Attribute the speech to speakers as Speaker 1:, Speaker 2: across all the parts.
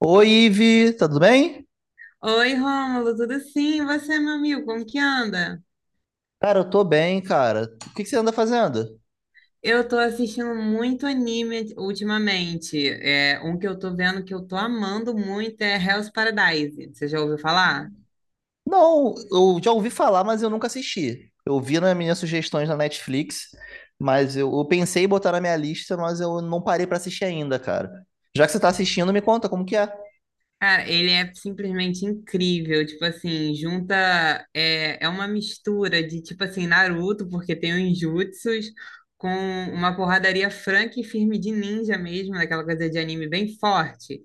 Speaker 1: Oi, Ive, tá tudo bem?
Speaker 2: Oi, Rômulo, tudo sim? E você, meu amigo, como que anda?
Speaker 1: Cara, eu tô bem, cara. O que que você anda fazendo?
Speaker 2: Eu tô assistindo muito anime ultimamente. É, um que eu tô vendo que eu tô amando muito é Hell's Paradise. Você já ouviu falar?
Speaker 1: Não, eu já ouvi falar, mas eu nunca assisti. Eu vi nas minhas sugestões na Netflix, mas eu pensei em botar na minha lista, mas eu não parei pra assistir ainda, cara. Já que você tá assistindo, me conta como que é.
Speaker 2: Cara, ele é simplesmente incrível. Tipo assim, junta. É uma mistura de, tipo assim, Naruto, porque tem os jutsus, com uma porradaria franca e firme de ninja mesmo, daquela coisa de anime bem forte.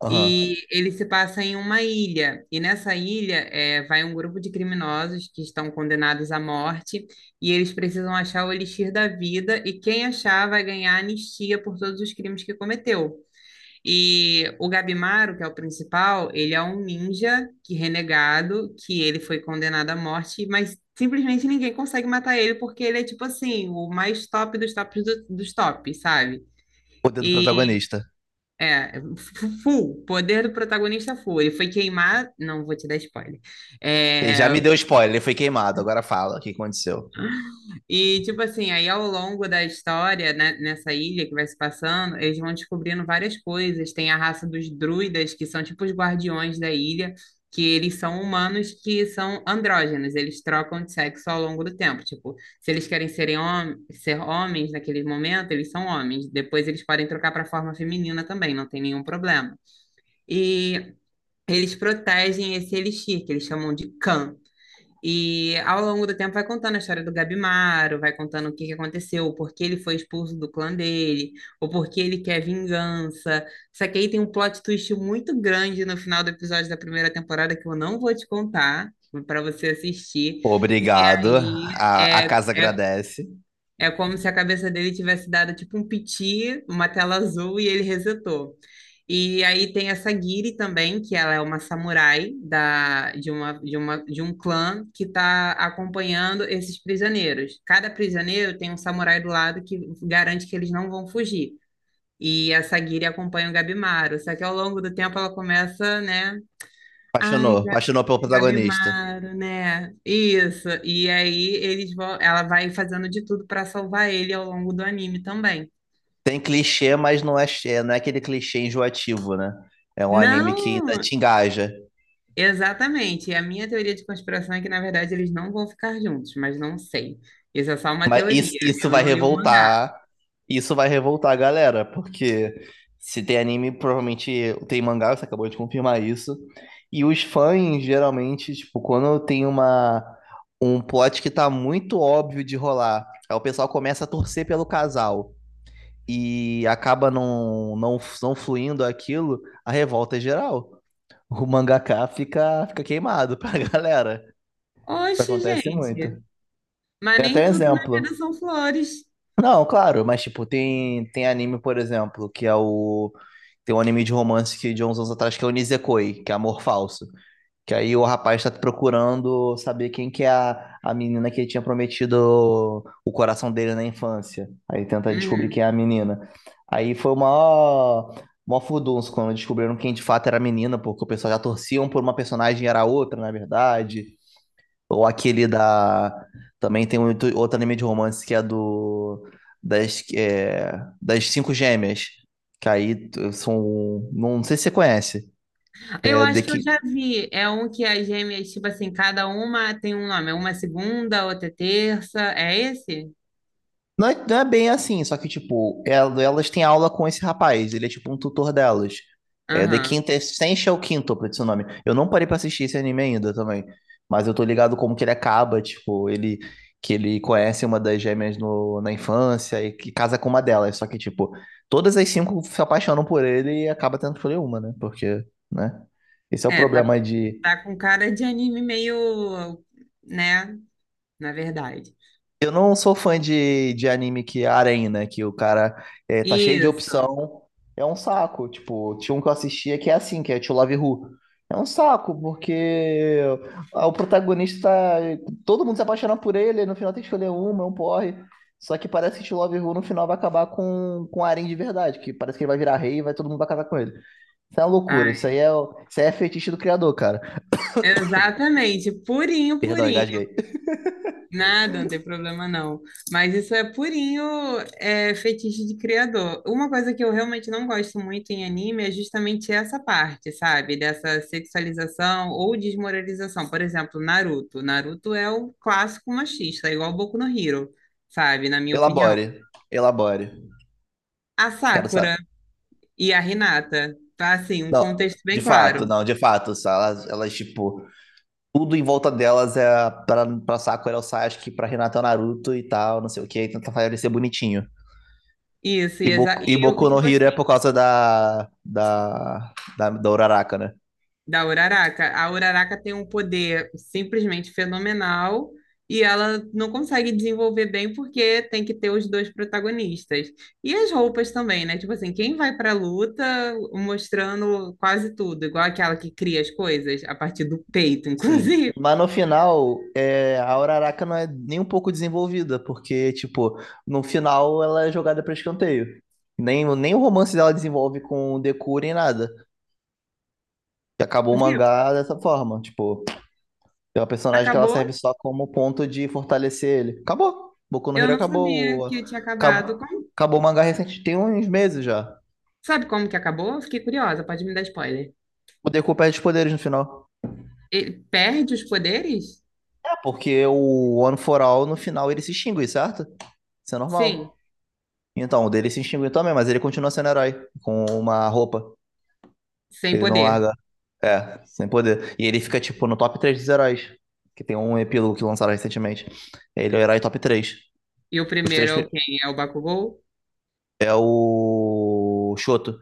Speaker 1: Aham.
Speaker 2: E ele se passa em uma ilha, e nessa ilha vai um grupo de criminosos que estão condenados à morte, e eles precisam achar o elixir da vida, e quem achar vai ganhar anistia por todos os crimes que cometeu. E o Gabimaro, que é o principal, ele é um ninja que renegado, que ele foi condenado à morte, mas simplesmente ninguém consegue matar ele, porque ele é tipo assim, o mais top dos tops dos tops, sabe?
Speaker 1: O dedo protagonista.
Speaker 2: É, full, poder do protagonista full. Ele foi queimar, não vou te dar spoiler.
Speaker 1: Ele já me
Speaker 2: É,
Speaker 1: deu spoiler, ele foi queimado. Agora fala o que aconteceu.
Speaker 2: e tipo assim, aí ao longo da história, né, nessa ilha que vai se passando, eles vão descobrindo várias coisas. Tem a raça dos druidas, que são tipo os guardiões da ilha, que eles são humanos que são andrógenos, eles trocam de sexo ao longo do tempo. Tipo, se eles querem ser homens naquele momento, eles são homens. Depois eles podem trocar para a forma feminina também, não tem nenhum problema. E Eles protegem esse elixir, que eles chamam de Khan. E ao longo do tempo vai contando a história do Gabimaro, vai contando o que que aconteceu, o porquê ele foi expulso do clã dele, o porquê ele quer vingança. Só que aí tem um plot twist muito grande no final do episódio da primeira temporada que eu não vou te contar, para você assistir. E
Speaker 1: Obrigado.
Speaker 2: aí
Speaker 1: A
Speaker 2: é,
Speaker 1: casa
Speaker 2: é,
Speaker 1: agradece.
Speaker 2: é como se a cabeça dele tivesse dado tipo um piti, uma tela azul e ele resetou. E aí tem essa Giri também, que ela é uma samurai da, de, uma, de, uma, de um clã que está acompanhando esses prisioneiros. Cada prisioneiro tem um samurai do lado que garante que eles não vão fugir. E essa Giri acompanha o Gabimaru. Só que ao longo do tempo ela começa, né?
Speaker 1: Apaixonou,
Speaker 2: Ai, Ga-
Speaker 1: apaixonou pelo protagonista.
Speaker 2: Gabimaru, né? Isso. E aí eles vão, ela vai fazendo de tudo para salvar ele ao longo do anime também.
Speaker 1: Tem clichê, mas não é aquele clichê enjoativo, né? É um anime que ainda
Speaker 2: Não!
Speaker 1: te engaja.
Speaker 2: Exatamente. E a minha teoria de conspiração é que, na verdade, eles não vão ficar juntos, mas não sei. Isso é só uma
Speaker 1: Mas isso,
Speaker 2: teoria.
Speaker 1: isso
Speaker 2: Eu
Speaker 1: vai
Speaker 2: não li o mangá.
Speaker 1: revoltar. Isso vai revoltar a galera, porque se tem anime, provavelmente tem mangá, você acabou de confirmar isso. E os fãs, geralmente, tipo, quando tem um plot que tá muito óbvio de rolar, aí o pessoal começa a torcer pelo casal e acaba não fluindo aquilo, a revolta é geral. O mangaká fica queimado pra galera. Isso
Speaker 2: Oxe,
Speaker 1: acontece muito.
Speaker 2: gente. Mas
Speaker 1: Tem até
Speaker 2: nem
Speaker 1: um
Speaker 2: tudo na vida
Speaker 1: exemplo.
Speaker 2: são flores.
Speaker 1: Não, claro, mas tipo, tem anime, por exemplo, que é o. Tem um anime de romance que de uns anos atrás que é o Nisekoi, que é Amor Falso. Que aí o rapaz tá procurando saber quem que é a menina que ele tinha prometido o coração dele na infância. Aí tenta descobrir quem é
Speaker 2: Uhum.
Speaker 1: a menina. Aí foi o maior, maior furdunço quando descobriram quem de fato era a menina, porque o pessoal já torciam por uma personagem e era outra, na verdade. Ou aquele da. Também tem outro anime de romance que é do. Das, é, das cinco gêmeas. Que aí são. Não sei se você conhece.
Speaker 2: Eu
Speaker 1: É The,
Speaker 2: acho que eu
Speaker 1: Ki-
Speaker 2: já vi. É um que as gêmeas, tipo assim, cada uma tem um nome. Uma é segunda, outra é terça. É esse?
Speaker 1: não é bem assim, só que, tipo, elas têm aula com esse rapaz, ele é tipo um tutor delas. É The
Speaker 2: Aham.
Speaker 1: Quintessential Quintuple, esse é o nome. Eu não parei pra assistir esse anime ainda também, mas eu tô ligado como que ele acaba, tipo, ele que ele conhece uma das gêmeas no, na infância e que casa com uma delas, só que, tipo, todas as cinco se apaixonam por ele e acaba tendo que escolher uma, né? Porque, né? Esse é o
Speaker 2: É, tá,
Speaker 1: problema de.
Speaker 2: tá com cara de anime meio, né? Na verdade.
Speaker 1: Eu não sou fã de anime que é harém, né? Que o cara tá cheio de
Speaker 2: Isso.
Speaker 1: opção. É um saco. Tipo, tinha um que eu assistia que é assim, que é To Love Who. É um saco, porque o protagonista tá, todo mundo se apaixona por ele, no final tem que escolher uma, é um porre. Só que parece que To Love Who no final vai acabar com harém de verdade, que parece que ele vai virar rei e vai todo mundo vai casar com ele. Isso é uma loucura. Isso aí
Speaker 2: Ai,
Speaker 1: é, o- isso aí é fetiche do criador, cara.
Speaker 2: exatamente. Purinho,
Speaker 1: Perdão,
Speaker 2: purinho.
Speaker 1: engasguei.
Speaker 2: Nada, não tem problema não. Mas isso é purinho é, fetiche de criador. Uma coisa que eu realmente não gosto muito em anime é justamente essa parte, sabe? Dessa sexualização ou desmoralização. Por exemplo, Naruto. Naruto é o clássico machista, é igual Boku no Hero, sabe? Na minha opinião.
Speaker 1: Elabore. Elabore.
Speaker 2: A
Speaker 1: Quero saber.
Speaker 2: Sakura e a Renata tá assim, um
Speaker 1: Não,
Speaker 2: contexto
Speaker 1: de
Speaker 2: bem
Speaker 1: fato,
Speaker 2: claro.
Speaker 1: não, de fato. Só elas tipo, tudo em volta delas é pra Sakura é o Sasuke, pra Renata é o Naruto e tal, não sei o que, tenta fazer ele ser bonitinho.
Speaker 2: Isso,
Speaker 1: E
Speaker 2: e,
Speaker 1: Boku, e
Speaker 2: e eu,
Speaker 1: Boku no
Speaker 2: tipo
Speaker 1: Hero
Speaker 2: assim.
Speaker 1: é por causa da Uraraka, né?
Speaker 2: Da Uraraka. A Uraraka tem um poder simplesmente fenomenal e ela não consegue desenvolver bem porque tem que ter os dois protagonistas. E as roupas também, né? Tipo assim, quem vai pra luta mostrando quase tudo, igual aquela que cria as coisas a partir do peito,
Speaker 1: Sim.
Speaker 2: inclusive.
Speaker 1: Mas no final, a Uraraka não é nem um pouco desenvolvida, porque, tipo, no final ela é jogada pra escanteio. Nem o romance dela desenvolve com o Deku nem nada. E acabou o
Speaker 2: Viu?
Speaker 1: mangá dessa forma, tipo. É uma personagem que ela serve
Speaker 2: Acabou?
Speaker 1: só como ponto de fortalecer ele. Acabou. Boku no
Speaker 2: Eu
Speaker 1: Hero
Speaker 2: não sabia
Speaker 1: acabou. O-
Speaker 2: que tinha acabado.
Speaker 1: Acab...
Speaker 2: Como?
Speaker 1: Acabou o mangá recente, tem uns meses já.
Speaker 2: Sabe como que acabou? Eu fiquei curiosa, pode me dar spoiler.
Speaker 1: O Deku perde os poderes no final.
Speaker 2: Ele perde os poderes?
Speaker 1: É porque o One For All, no final, ele se extingue, certo? Isso é
Speaker 2: Sim,
Speaker 1: normal. Então, o dele se extinguiu também, mas ele continua sendo herói. Com uma roupa.
Speaker 2: sem
Speaker 1: Ele não
Speaker 2: poder.
Speaker 1: larga. É, sem poder. E ele fica, tipo, no top 3 dos heróis. Que tem um epílogo que lançaram recentemente. Ele é o herói top 3.
Speaker 2: E o
Speaker 1: Os
Speaker 2: primeiro
Speaker 1: três
Speaker 2: é
Speaker 1: pri-
Speaker 2: o quem? É o Bakugou?
Speaker 1: é o Shoto.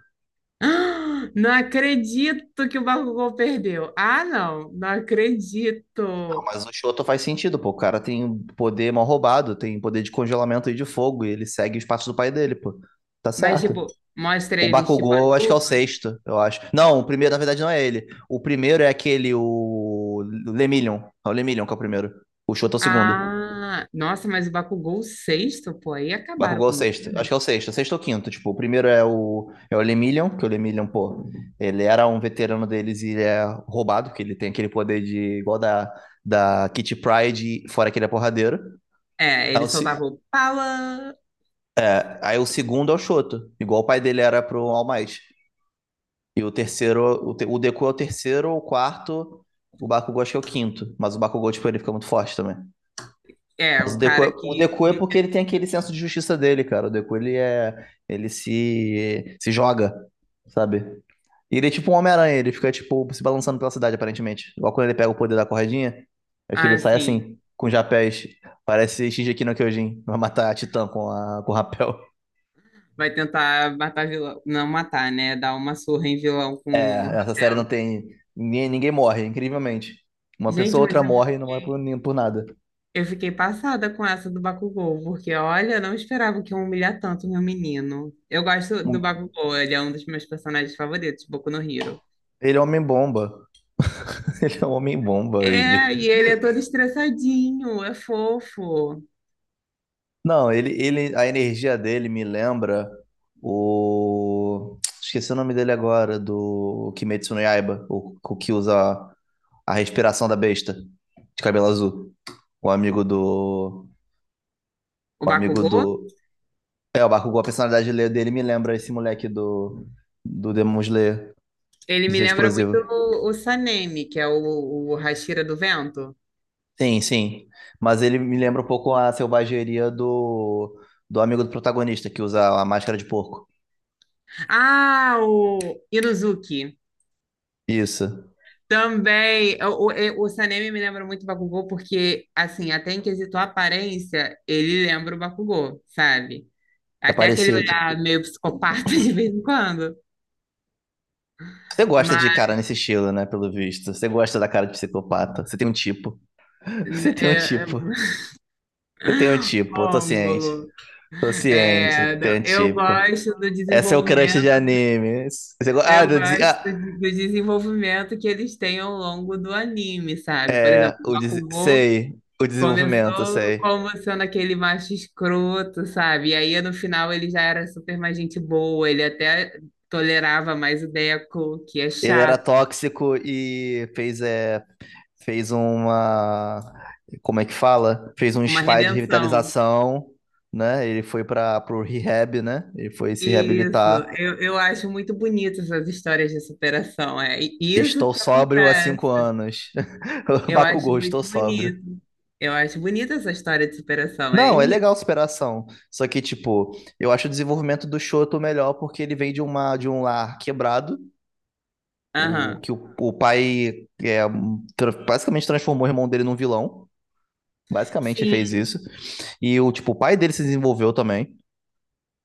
Speaker 2: Ah, não acredito que o Bakugou perdeu. Ah, não, não acredito.
Speaker 1: Mas o Shoto faz sentido, pô. O cara tem um poder mal roubado, tem um poder de congelamento e de fogo, e ele segue os passos do pai dele, pô. Tá
Speaker 2: Mas,
Speaker 1: certo.
Speaker 2: tipo, mostra
Speaker 1: O
Speaker 2: eles, tipo,
Speaker 1: Bakugou, eu acho que é o
Speaker 2: adultos.
Speaker 1: sexto, eu acho. Não, o primeiro, na verdade, não é ele. O primeiro é aquele, o Lemillion. É o Lemillion que é o primeiro. O Shoto é o segundo. O
Speaker 2: Ah, nossa, mas o Bakugou sexto, pô, aí acabaram
Speaker 1: Bakugou é o
Speaker 2: com o
Speaker 1: sexto. Acho
Speaker 2: menino.
Speaker 1: que é o sexto, sexto ou quinto. Tipo, o primeiro é o Lemillion, que o Lemillion, pô, ele era um veterano deles e ele é roubado, que ele tem aquele poder de, igual da Kitty Pryde, fora que ele é porradeiro.
Speaker 2: É,
Speaker 1: É
Speaker 2: ele
Speaker 1: o se-
Speaker 2: soltava o pala.
Speaker 1: Aí o segundo é o Choto, igual o pai dele era pro All Might. E o terceiro, o Deku é o terceiro, o quarto, o Bakugou acho que é o quinto. Mas o Bakugou, tipo, ele fica muito forte também.
Speaker 2: É,
Speaker 1: Mas o
Speaker 2: o
Speaker 1: Deku, é-
Speaker 2: cara
Speaker 1: o
Speaker 2: que,
Speaker 1: Deku é porque ele tem aquele senso de justiça dele, cara. O Deku, ele se joga, sabe? E ele é tipo um Homem-Aranha, ele fica, tipo, se balançando pela cidade, aparentemente. Igual quando ele pega o poder da corredinha, acho que
Speaker 2: ah,
Speaker 1: ele sai
Speaker 2: assim,
Speaker 1: assim, com japés. Parece Shingeki no Kyojin, vai matar a Titã com o rapel.
Speaker 2: vai tentar matar vilão. Não matar, né? Dar uma surra em vilão com um
Speaker 1: É, essa série não
Speaker 2: rapel.
Speaker 1: tem. Ninguém morre, incrivelmente. Uma pessoa
Speaker 2: Gente,
Speaker 1: ou
Speaker 2: mas
Speaker 1: outra
Speaker 2: eu
Speaker 1: morre e não morre por,
Speaker 2: fiquei.
Speaker 1: nem- por nada.
Speaker 2: Eu fiquei passada com essa do Bakugou, porque olha, eu não esperava que ia humilhar tanto meu menino. Eu gosto do
Speaker 1: Um-
Speaker 2: Bakugou, ele é um dos meus personagens favoritos, Boku no Hero.
Speaker 1: Ele é um homem-bomba. Ele é um homem-bomba, Vivi.
Speaker 2: É, e ele é todo estressadinho, é fofo.
Speaker 1: Não, a energia dele me lembra o. Esqueci o nome dele agora, do Kimetsu no Yaiba, o que usa a respiração da besta, de cabelo azul. O amigo do.
Speaker 2: O
Speaker 1: O amigo
Speaker 2: Bakugou,
Speaker 1: do. É, o Bakugou, a personalidade dele me lembra esse moleque do Demon Slayer,
Speaker 2: ele
Speaker 1: de
Speaker 2: me
Speaker 1: ser
Speaker 2: lembra muito
Speaker 1: explosivo.
Speaker 2: o Sanemi, que é o Hashira do Vento.
Speaker 1: Sim, sim. Mas ele me lembra um pouco a selvageria do amigo do protagonista, que usa a máscara de porco.
Speaker 2: Ah, o Inuzuki.
Speaker 1: Isso.
Speaker 2: Também, o Sanemi me lembra muito o Bakugou, porque, assim, até em quesito aparência, ele lembra o Bakugou, sabe?
Speaker 1: É
Speaker 2: Até aquele
Speaker 1: parecido.
Speaker 2: olhar meio psicopata de vez em quando.
Speaker 1: Você gosta
Speaker 2: Mas,
Speaker 1: de cara nesse estilo, né? Pelo visto. Você gosta da cara de psicopata. Você tem um tipo.
Speaker 2: né,
Speaker 1: Você tem um tipo. Você tem um tipo. Eu tô ciente.
Speaker 2: Rômulo,
Speaker 1: Tô ciente.
Speaker 2: é,
Speaker 1: Tem
Speaker 2: não,
Speaker 1: um
Speaker 2: eu
Speaker 1: tipo.
Speaker 2: gosto do
Speaker 1: É seu crush de
Speaker 2: desenvolvimento,
Speaker 1: anime.
Speaker 2: eu gosto do desenvolvimento que eles têm ao longo do anime, sabe? Por exemplo,
Speaker 1: É.
Speaker 2: o
Speaker 1: O des...
Speaker 2: Bakugou
Speaker 1: Sei. O desenvolvimento,
Speaker 2: começou
Speaker 1: sei.
Speaker 2: como sendo aquele macho escroto, sabe? E aí, no final, ele já era super mais gente boa, ele até tolerava mais o Deco, que é
Speaker 1: Ele era
Speaker 2: chato,
Speaker 1: tóxico e fez uma, como é que fala? Fez um
Speaker 2: uma
Speaker 1: spa de
Speaker 2: redenção.
Speaker 1: revitalização, né? Ele foi para pro rehab, né? Ele foi se
Speaker 2: Isso,
Speaker 1: reabilitar.
Speaker 2: eu acho muito bonito essas histórias de superação, é isso
Speaker 1: Estou
Speaker 2: que
Speaker 1: sóbrio há
Speaker 2: acontece.
Speaker 1: 5 anos.
Speaker 2: Eu acho
Speaker 1: Bakugou, estou
Speaker 2: muito
Speaker 1: sóbrio.
Speaker 2: bonito. Eu acho bonita essa história de superação, é
Speaker 1: Não, é
Speaker 2: isso.
Speaker 1: legal a superação. Só que, tipo, eu acho o desenvolvimento do Shoto melhor porque ele vem de um lar quebrado, o
Speaker 2: Aham.
Speaker 1: que o pai basicamente transformou o irmão dele num vilão. Basicamente fez
Speaker 2: Sim,
Speaker 1: isso. E tipo, o pai dele se desenvolveu também.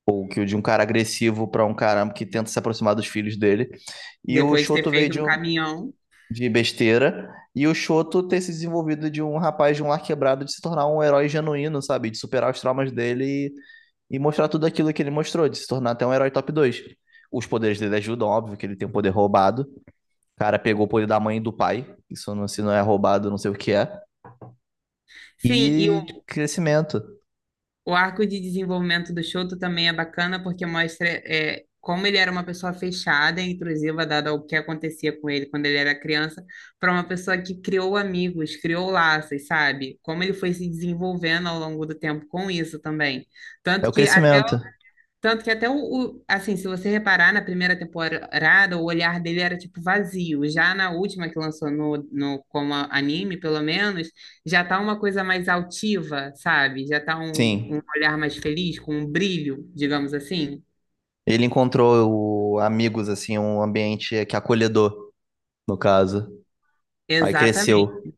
Speaker 1: Ou que o de um cara agressivo para um cara que tenta se aproximar dos filhos dele. E o
Speaker 2: depois de ter
Speaker 1: Shoto veio
Speaker 2: feito
Speaker 1: de,
Speaker 2: um
Speaker 1: um-
Speaker 2: caminhão.
Speaker 1: de besteira. E o Shoto ter se desenvolvido de um rapaz de um lar quebrado, de se tornar um herói genuíno, sabe? De superar os traumas dele e mostrar tudo aquilo que ele mostrou, de se tornar até um herói top 2. Os poderes dele ajudam, óbvio que ele tem um poder roubado. O cara pegou o poder da mãe e do pai. Isso não, se não é roubado, não sei o que é.
Speaker 2: Sim, e
Speaker 1: E crescimento.
Speaker 2: o arco de desenvolvimento do Shoto também é bacana porque mostra é, como ele era uma pessoa fechada e intrusiva, dado o que acontecia com ele quando ele era criança, para uma pessoa que criou amigos, criou laços, sabe? Como ele foi se desenvolvendo ao longo do tempo com isso também.
Speaker 1: É
Speaker 2: Tanto
Speaker 1: o
Speaker 2: que até
Speaker 1: crescimento.
Speaker 2: tanto que até assim, se você reparar na primeira temporada, o olhar dele era tipo vazio. Já na última que lançou no anime, pelo menos, já tá uma coisa mais altiva, sabe? Já tá um
Speaker 1: Sim.
Speaker 2: olhar mais feliz, com um brilho, digamos assim.
Speaker 1: Ele encontrou amigos, assim, um ambiente que é acolhedor, no caso. Aí cresceu.
Speaker 2: Exatamente,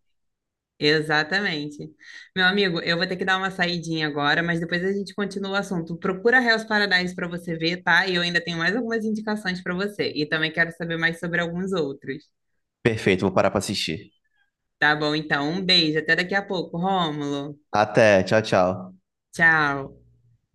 Speaker 2: exatamente. Meu amigo, eu vou ter que dar uma saidinha agora, mas depois a gente continua o assunto. Procura Hell's Paradise para você ver, tá? E eu ainda tenho mais algumas indicações para você. E também quero saber mais sobre alguns outros.
Speaker 1: Perfeito, vou parar pra assistir.
Speaker 2: Tá bom, então. Um beijo. Até daqui a pouco, Rômulo.
Speaker 1: Até, tchau, tchau.
Speaker 2: Tchau.